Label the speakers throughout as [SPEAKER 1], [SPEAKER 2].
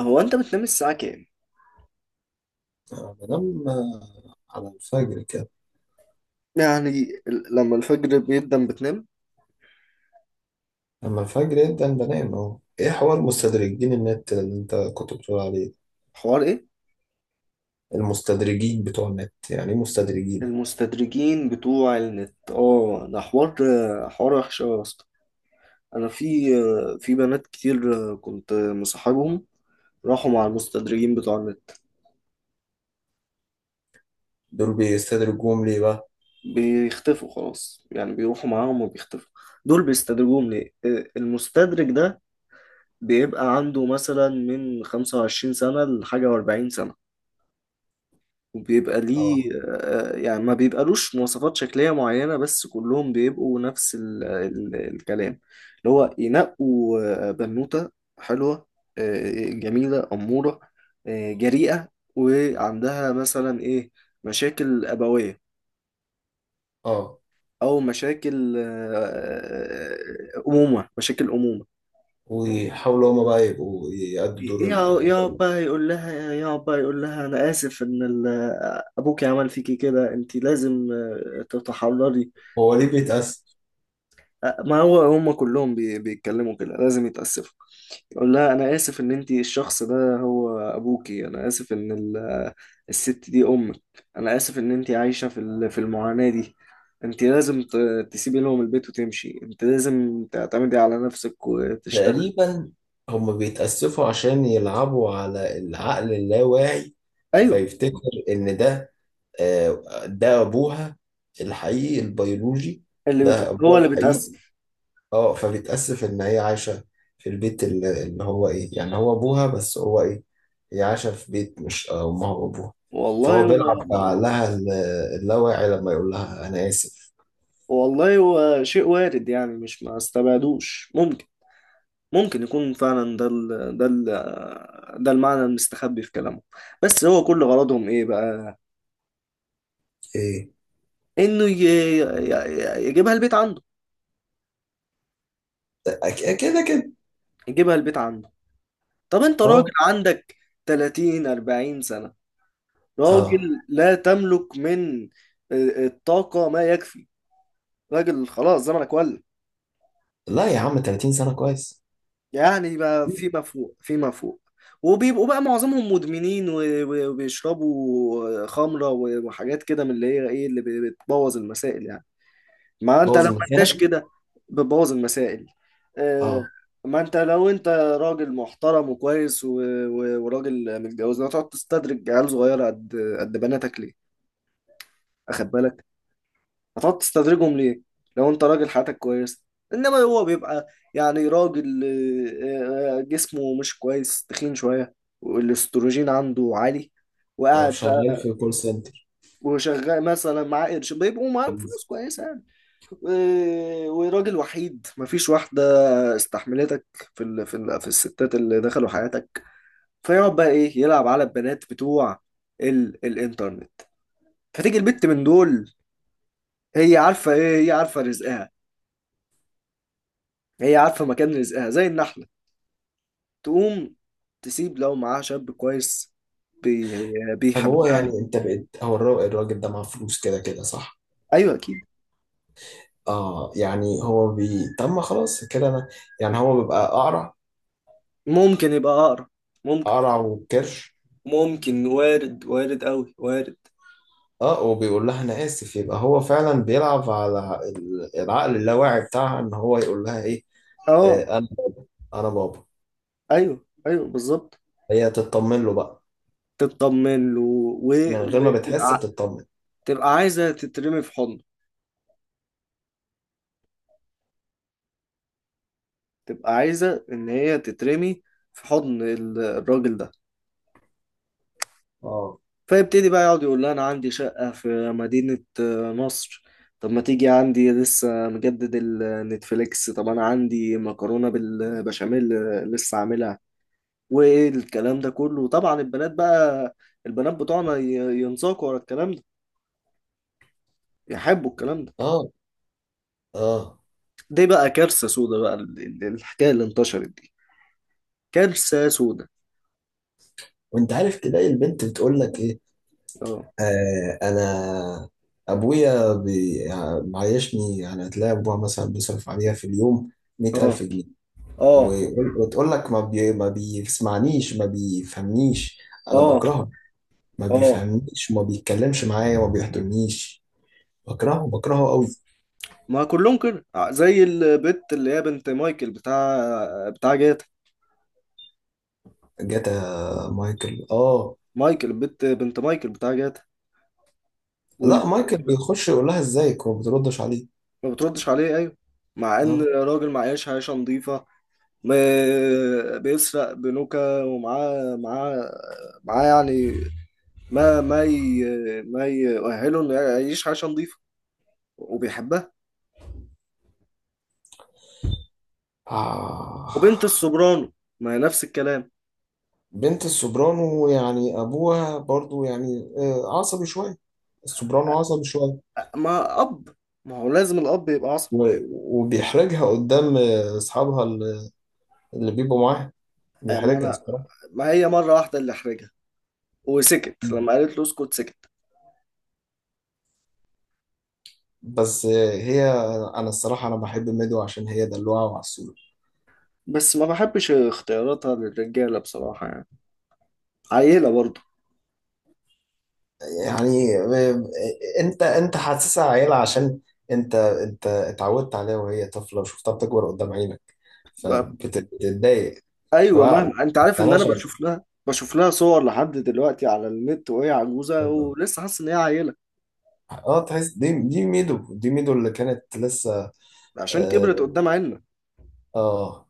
[SPEAKER 1] هو انت بتنام الساعة كام؟
[SPEAKER 2] بنام، آه، على الفجر كده.
[SPEAKER 1] يعني لما الفجر بيقدم بتنام.
[SPEAKER 2] لما الفجر يبدأ بنام اهو. ايه حوار مستدرجين النت اللي انت كنت بتقول عليه؟
[SPEAKER 1] حوار ايه؟
[SPEAKER 2] المستدرجين بتوع النت، يعني ايه مستدرجين؟
[SPEAKER 1] المستدرجين بتوع النت، ده حوار. حوار وحش أوي يا اسطى. انا في بنات كتير كنت مصاحبهم، راحوا مع المستدرجين بتوع النت،
[SPEAKER 2] دول بيستدرجوهم ليه بقى؟
[SPEAKER 1] بيختفوا خلاص، يعني بيروحوا معاهم وبيختفوا. دول بيستدرجوهم ليه؟ المستدرج ده بيبقى عنده مثلا من 25 سنة لحاجة و40 سنة. وبيبقى ليه،
[SPEAKER 2] اه.
[SPEAKER 1] يعني ما بيبقالوش مواصفات شكلية معينة، بس كلهم بيبقوا نفس ال الكلام، اللي هو ينقوا بنوتة حلوة، جميلة أمورة، جريئة، وعندها مثلا إيه، مشاكل أبوية
[SPEAKER 2] اه.
[SPEAKER 1] أو مشاكل أمومة.
[SPEAKER 2] ويحاولوا هما بقى يبقوا يأدوا دور
[SPEAKER 1] يا
[SPEAKER 2] ال...
[SPEAKER 1] يا أبا يقول لها، يا أبا يقول لها أنا آسف إن أبوكي عمل فيكي كده، أنت لازم تتحرري.
[SPEAKER 2] هو ليه بيتأسف؟
[SPEAKER 1] ما هو هم كلهم بيتكلموا كده، لازم يتأسفوا. يقول لها انا اسف ان انتي الشخص ده هو ابوكي، انا اسف ان الست دي امك، انا اسف ان انتي عايشة في المعاناة دي، انتي لازم تسيبي لهم البيت وتمشي، انت لازم تعتمدي على نفسك وتشتغل.
[SPEAKER 2] تقريبا. هما بيتأسفوا عشان يلعبوا على العقل اللاواعي،
[SPEAKER 1] ايوه.
[SPEAKER 2] فيفتكر إن ده أبوها الحقيقي البيولوجي، ده
[SPEAKER 1] هو
[SPEAKER 2] أبوها
[SPEAKER 1] اللي
[SPEAKER 2] الحقيقي.
[SPEAKER 1] بيتأسف.
[SPEAKER 2] اه، فبتأسف ان هي عايشة في البيت اللي هو ايه، يعني هو ابوها بس هو ايه، هي عايشة في بيت مش امها وابوها.
[SPEAKER 1] والله
[SPEAKER 2] فهو
[SPEAKER 1] هو.
[SPEAKER 2] بيلعب بعقلها اللاواعي لما يقول لها انا اسف.
[SPEAKER 1] والله هو شيء وارد يعني، مش ما استبعدوش، ممكن يكون فعلا ده المعنى المستخبي في كلامه. بس هو كل غرضهم ايه بقى؟
[SPEAKER 2] ايه.
[SPEAKER 1] انه يجيبها البيت عنده.
[SPEAKER 2] كده كده.
[SPEAKER 1] يجيبها البيت عنده. طب انت راجل
[SPEAKER 2] اه.
[SPEAKER 1] عندك 30 40 سنة،
[SPEAKER 2] اه.
[SPEAKER 1] راجل لا تملك من الطاقة ما يكفي، راجل خلاص زمنك ولى،
[SPEAKER 2] لا يا عم، 30 سنة كويس.
[SPEAKER 1] يعني بقى فيما فوق فيما فوق. وبيبقوا بقى معظمهم مدمنين وبيشربوا خمرة وحاجات كده من اللي هي ايه اللي بتبوظ المسائل يعني. ما انت لو
[SPEAKER 2] بوظ
[SPEAKER 1] ما انتش
[SPEAKER 2] المكانة.
[SPEAKER 1] كده بتبوظ المسائل. آه،
[SPEAKER 2] اه.
[SPEAKER 1] ما انت لو انت راجل محترم وكويس وراجل متجوز، لا تقعد تستدرج عيال صغيره قد بناتك ليه؟ اخد بالك؟ هتقعد تستدرجهم ليه لو انت راجل حياتك كويس؟ انما هو بيبقى يعني راجل، جسمه مش كويس، تخين شويه والاستروجين عنده عالي، وقاعد
[SPEAKER 2] شغال
[SPEAKER 1] بقى
[SPEAKER 2] في كول سنتر
[SPEAKER 1] وشغال مثلا معاه قرش، بيبقوا معاهم
[SPEAKER 2] انجليزي.
[SPEAKER 1] فلوس كويسه يعني، وراجل وحيد مفيش واحدة استحملتك في الستات اللي دخلوا حياتك. فيقعد بقى ايه يلعب على البنات بتوع الانترنت. فتيجي البت من دول، هي عارفة رزقها، هي عارفة مكان رزقها زي النحلة، تقوم تسيب لو معاها شاب كويس بي...
[SPEAKER 2] طب هو
[SPEAKER 1] بيحبها.
[SPEAKER 2] يعني انت بقيت، هو الراجل ده معاه فلوس كده كده صح؟
[SPEAKER 1] ايوه اكيد.
[SPEAKER 2] اه. يعني هو طب ما خلاص كده انا، يعني هو بيبقى اقرع،
[SPEAKER 1] ممكن يبقى اقرب. ممكن.
[SPEAKER 2] قرع وكرش.
[SPEAKER 1] ممكن وارد، وارد قوي، وارد.
[SPEAKER 2] اه، وبيقول لها انا اسف، يبقى هو فعلا بيلعب على العقل اللاواعي بتاعها ان هو يقول لها ايه.
[SPEAKER 1] اه
[SPEAKER 2] آه انا انا بابا.
[SPEAKER 1] ايوه، ايوه، بالظبط.
[SPEAKER 2] هي تطمن له بقى،
[SPEAKER 1] تطمن له و...
[SPEAKER 2] من غير ما بتحس
[SPEAKER 1] وتبقى،
[SPEAKER 2] بتطمن.
[SPEAKER 1] تبقى عايزة تترمي في حضنه، تبقى عايزة إن هي تترمي في حضن الراجل ده.
[SPEAKER 2] اه.
[SPEAKER 1] فيبتدي بقى يقعد يقول لها أنا عندي شقة في مدينة مصر، طب ما تيجي عندي لسه مجدد النتفليكس، طب أنا عندي مكرونة بالبشاميل لسه عاملها، والكلام ده كله. طبعا البنات بقى، البنات بتوعنا ينساقوا ورا الكلام ده، يحبوا الكلام ده.
[SPEAKER 2] اه. اه.
[SPEAKER 1] دي بقى كارثة سودا بقى، الحكاية اللي انتشرت دي كبسة سودا.
[SPEAKER 2] وانت عارف تلاقي البنت بتقول لك ايه.
[SPEAKER 1] اه،
[SPEAKER 2] انا، ابويا يعني معيشني، يعني هتلاقي ابوها مثلا بيصرف عليها في اليوم
[SPEAKER 1] اه،
[SPEAKER 2] 100000 جنيه.
[SPEAKER 1] اه،
[SPEAKER 2] وتقول لك، ما بيسمعنيش، ما بيفهمنيش، انا
[SPEAKER 1] اه،
[SPEAKER 2] بكرهه. ما
[SPEAKER 1] اه.
[SPEAKER 2] بيفهمنيش، وما بيتكلمش معايا، وما بيحضرنيش. بكرهه بكرهه قوي.
[SPEAKER 1] ما كلهم كده، زي البت اللي هي بنت مايكل بتاع جاتا،
[SPEAKER 2] جاتا. مايكل، اه.
[SPEAKER 1] مايكل بنت مايكل بتاع جاتا. واللي
[SPEAKER 2] لا، مايكل بيخش يقول لها ازيك وما بتردش عليه.
[SPEAKER 1] ما بتردش عليه ايوه. مع ان
[SPEAKER 2] اه.
[SPEAKER 1] راجل معيش عيشة نظيفة، بيسرق بنوكة ومعاه، معاه يعني ما ما ي... ما يؤهله انه يعيش عيشة نظيفة. وبيحبها.
[SPEAKER 2] آه.
[SPEAKER 1] وبنت السوبرانو ما هي نفس الكلام.
[SPEAKER 2] بنت السوبرانو، يعني ابوها برضو يعني عصبي شويه. السوبرانو عصبي شويه.
[SPEAKER 1] ما اب ما هو لازم الاب يبقى عصبي.
[SPEAKER 2] و- وبيحرجها قدام اصحابها اللي بيبقوا معاها،
[SPEAKER 1] ما
[SPEAKER 2] بيحرجها
[SPEAKER 1] انا
[SPEAKER 2] الصراحه.
[SPEAKER 1] ما هي مره واحده اللي احرجها وسكت لما قالت له اسكت سكت.
[SPEAKER 2] بس هي، انا الصراحه انا بحب ميدو عشان هي دلوعه وعسوله.
[SPEAKER 1] بس ما بحبش اختياراتها للرجاله بصراحه يعني. عيله برضه.
[SPEAKER 2] يعني انت حاسسها عيلة، عشان انت اتعودت عليها وهي طفلة وشفتها بتكبر قدام عينك،
[SPEAKER 1] ب-
[SPEAKER 2] فبتتضايق.
[SPEAKER 1] ايوه،
[SPEAKER 2] فبقى
[SPEAKER 1] مهما انت عارف ان
[SPEAKER 2] انا
[SPEAKER 1] انا
[SPEAKER 2] شغل،
[SPEAKER 1] بشوف لها صور لحد دلوقتي على النت وهي عجوزه ولسه حاسس ان هي عيله
[SPEAKER 2] اه تحس، دي ميدو، دي ميدو اللي كانت لسه...
[SPEAKER 1] عشان كبرت
[SPEAKER 2] اه،
[SPEAKER 1] قدام عيننا.
[SPEAKER 2] آه،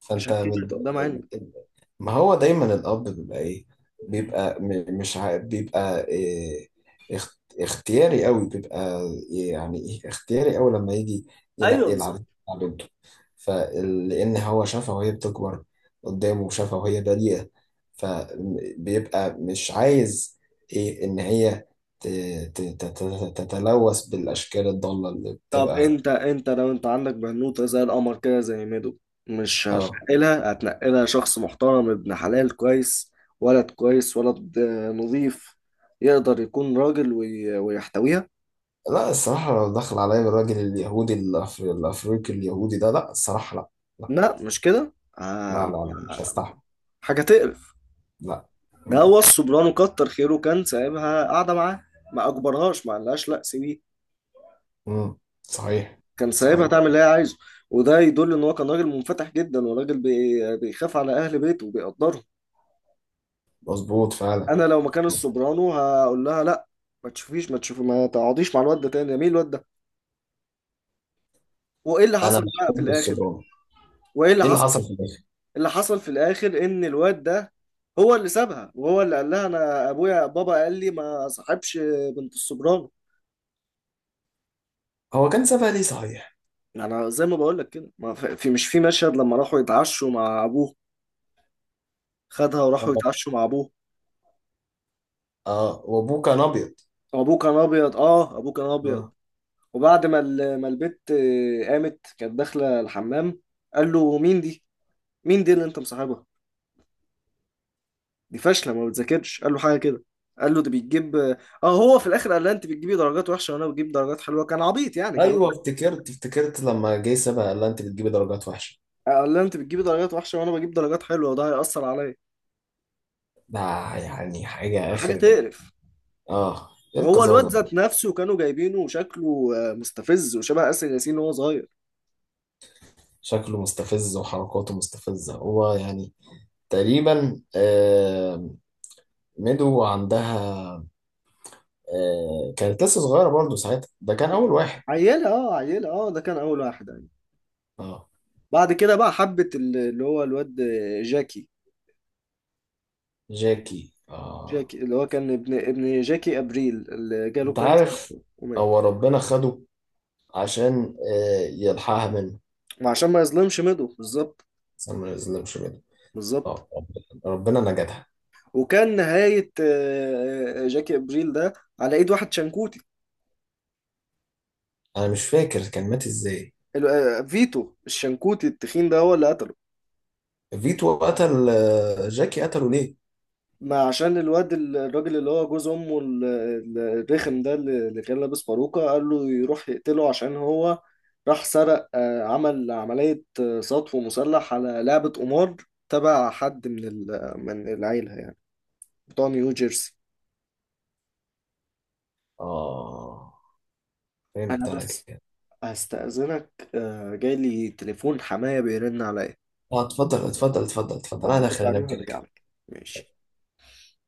[SPEAKER 2] فانت
[SPEAKER 1] عشان
[SPEAKER 2] بت...
[SPEAKER 1] كبرت قدام عيننا.
[SPEAKER 2] ما هو دايما الاب بيبقى ايه؟
[SPEAKER 1] مم.
[SPEAKER 2] بيبقى مش ع... بيبقى إيه، اختياري قوي. بيبقى إيه، يعني ايه اختياري قوي لما يجي
[SPEAKER 1] ايوه
[SPEAKER 2] ينقي العروسة
[SPEAKER 1] بالظبط.
[SPEAKER 2] بتاع بنته. فلان، هو شافها وهي بتكبر قدامه، وشافها وهي بريئة، فبيبقى مش عايز إيه ان هي ت... تتلوث بالاشكال الضالة اللي
[SPEAKER 1] طب
[SPEAKER 2] بتبقى.
[SPEAKER 1] انت انت لو انت عندك بنوتة زي القمر كده زي ميدو، مش
[SPEAKER 2] اه.
[SPEAKER 1] هتنقلها؟ هتنقلها شخص محترم، ابن حلال كويس، ولد كويس، ولد نظيف، يقدر يكون راجل ويحتويها.
[SPEAKER 2] لا الصراحة، لو دخل عليا الراجل اليهودي الأفريقي اليهودي ده، لا الصراحة، لا. لا.
[SPEAKER 1] لا مش كده.
[SPEAKER 2] لا،
[SPEAKER 1] آه،
[SPEAKER 2] لا، لا، مش
[SPEAKER 1] آه،
[SPEAKER 2] هستحمل.
[SPEAKER 1] حاجة تقرف.
[SPEAKER 2] لا.
[SPEAKER 1] ده هو
[SPEAKER 2] مم.
[SPEAKER 1] الصبران كتر خيره كان سايبها قاعدة معاه، ما أجبرهاش، ما قالهاش لا سيبيه،
[SPEAKER 2] مم، صحيح.
[SPEAKER 1] كان سايبها
[SPEAKER 2] صحيح.
[SPEAKER 1] تعمل اللي هي عايزه، وده يدل إن هو كان راجل منفتح جدا، وراجل بيخاف على أهل بيته وبيقدرهم.
[SPEAKER 2] مظبوط فعلا.
[SPEAKER 1] انا لو مكان السوبرانو هقول لها لا، ما تشوفي، ما تقعديش مع الواد ده تاني. يا مين الواد ده؟ وايه اللي
[SPEAKER 2] أنا
[SPEAKER 1] حصل بقى في
[SPEAKER 2] بحب
[SPEAKER 1] الاخر؟
[SPEAKER 2] السوبرانو.
[SPEAKER 1] وايه اللي
[SPEAKER 2] إيه اللي
[SPEAKER 1] حصل؟
[SPEAKER 2] حصل في الآخر؟
[SPEAKER 1] اللي حصل في الاخر ان الواد ده هو اللي سابها وهو اللي قال لها انا ابويا بابا قال لي ما صاحبش بنت السوبرانو.
[SPEAKER 2] هو كان سابها ليه صحيح؟
[SPEAKER 1] انا زي ما بقول لك كده، ما في في- مش في مشهد لما راحوا يتعشوا مع ابوه، خدها وراحوا
[SPEAKER 2] آه.
[SPEAKER 1] يتعشوا مع ابوه،
[SPEAKER 2] آه، وأبوه كان أبيض.
[SPEAKER 1] ابوه كان ابيض. اه. ابوه كان ابيض.
[SPEAKER 2] آه.
[SPEAKER 1] وبعد ما ما البت قامت كانت داخله الحمام، قال له مين دي، مين دي اللي انت مصاحبها؟ دي فاشله، ما بتذاكرش، قال له حاجه كده، قال له ده بيجيب اه. هو في الاخر قال لها انت بتجيبي درجات وحشه وانا بجيب درجات حلوه، كان عبيط يعني كان.
[SPEAKER 2] أيوه، افتكرت لما جه سابها قال لها أنت بتجيبي درجات وحشة.
[SPEAKER 1] قال لها انت بتجيبي درجات وحشه وانا بجيب درجات حلوه وده هيأثر عليا.
[SPEAKER 2] ده يعني حاجة
[SPEAKER 1] حاجه
[SPEAKER 2] آخر.
[SPEAKER 1] تقرف.
[SPEAKER 2] آه. إيه
[SPEAKER 1] وهو الواد
[SPEAKER 2] القذارة
[SPEAKER 1] ذات
[SPEAKER 2] دي؟
[SPEAKER 1] نفسه كانوا جايبينه وشكله مستفز وشبه آسر ياسين وهو صغير.
[SPEAKER 2] شكله مستفز وحركاته مستفزة، هو يعني تقريبا ميدو عندها كانت لسه صغيرة برضو ساعتها، ده كان أول واحد.
[SPEAKER 1] عيله، عيله، ده كان اول واحد يعني.
[SPEAKER 2] اه.
[SPEAKER 1] بعد كده بقى حبت اللي هو الواد جاكي.
[SPEAKER 2] جاكي، اه.
[SPEAKER 1] جاكي اللي هو كان ابن جاكي ابريل اللي جاله
[SPEAKER 2] أنت
[SPEAKER 1] كانسر
[SPEAKER 2] عارف.
[SPEAKER 1] ومات،
[SPEAKER 2] هو ربنا خده عشان يلحقها منه.
[SPEAKER 1] وعشان ما يظلمش ميدو بالظبط.
[SPEAKER 2] بس أنا ما يظلمش ميدو.
[SPEAKER 1] بالظبط.
[SPEAKER 2] اه، ربنا ربنا نجدها.
[SPEAKER 1] وكان نهاية جاكي ابريل ده على ايد واحد شنكوتي،
[SPEAKER 2] أنا مش فاكر كان مات إزاي.
[SPEAKER 1] فيتو الشنكوتي التخين ده هو اللي قتله.
[SPEAKER 2] فيتو قتل جاكي، قتله ليه؟
[SPEAKER 1] ما عشان الواد الراجل اللي هو جوز امه الرخم ده اللي كان لابس باروكة قال له يروح يقتله عشان هو راح سرق آه، عمل عملية سطو مسلح على لعبة قمار تبع حد من من العيلة يعني، بتوع نيو جيرسي.
[SPEAKER 2] اه، فهمت
[SPEAKER 1] انا
[SPEAKER 2] أنا
[SPEAKER 1] بس
[SPEAKER 2] كده.
[SPEAKER 1] هستأذنك، جاي لي تليفون حماية بيرن عليا،
[SPEAKER 2] اه، اتفضل اتفضل اتفضل اتفضل، أنا
[SPEAKER 1] فهرد
[SPEAKER 2] داخل
[SPEAKER 1] عليه
[SPEAKER 2] أنام كده
[SPEAKER 1] وهرجع
[SPEAKER 2] كده.
[SPEAKER 1] لك. ماشي.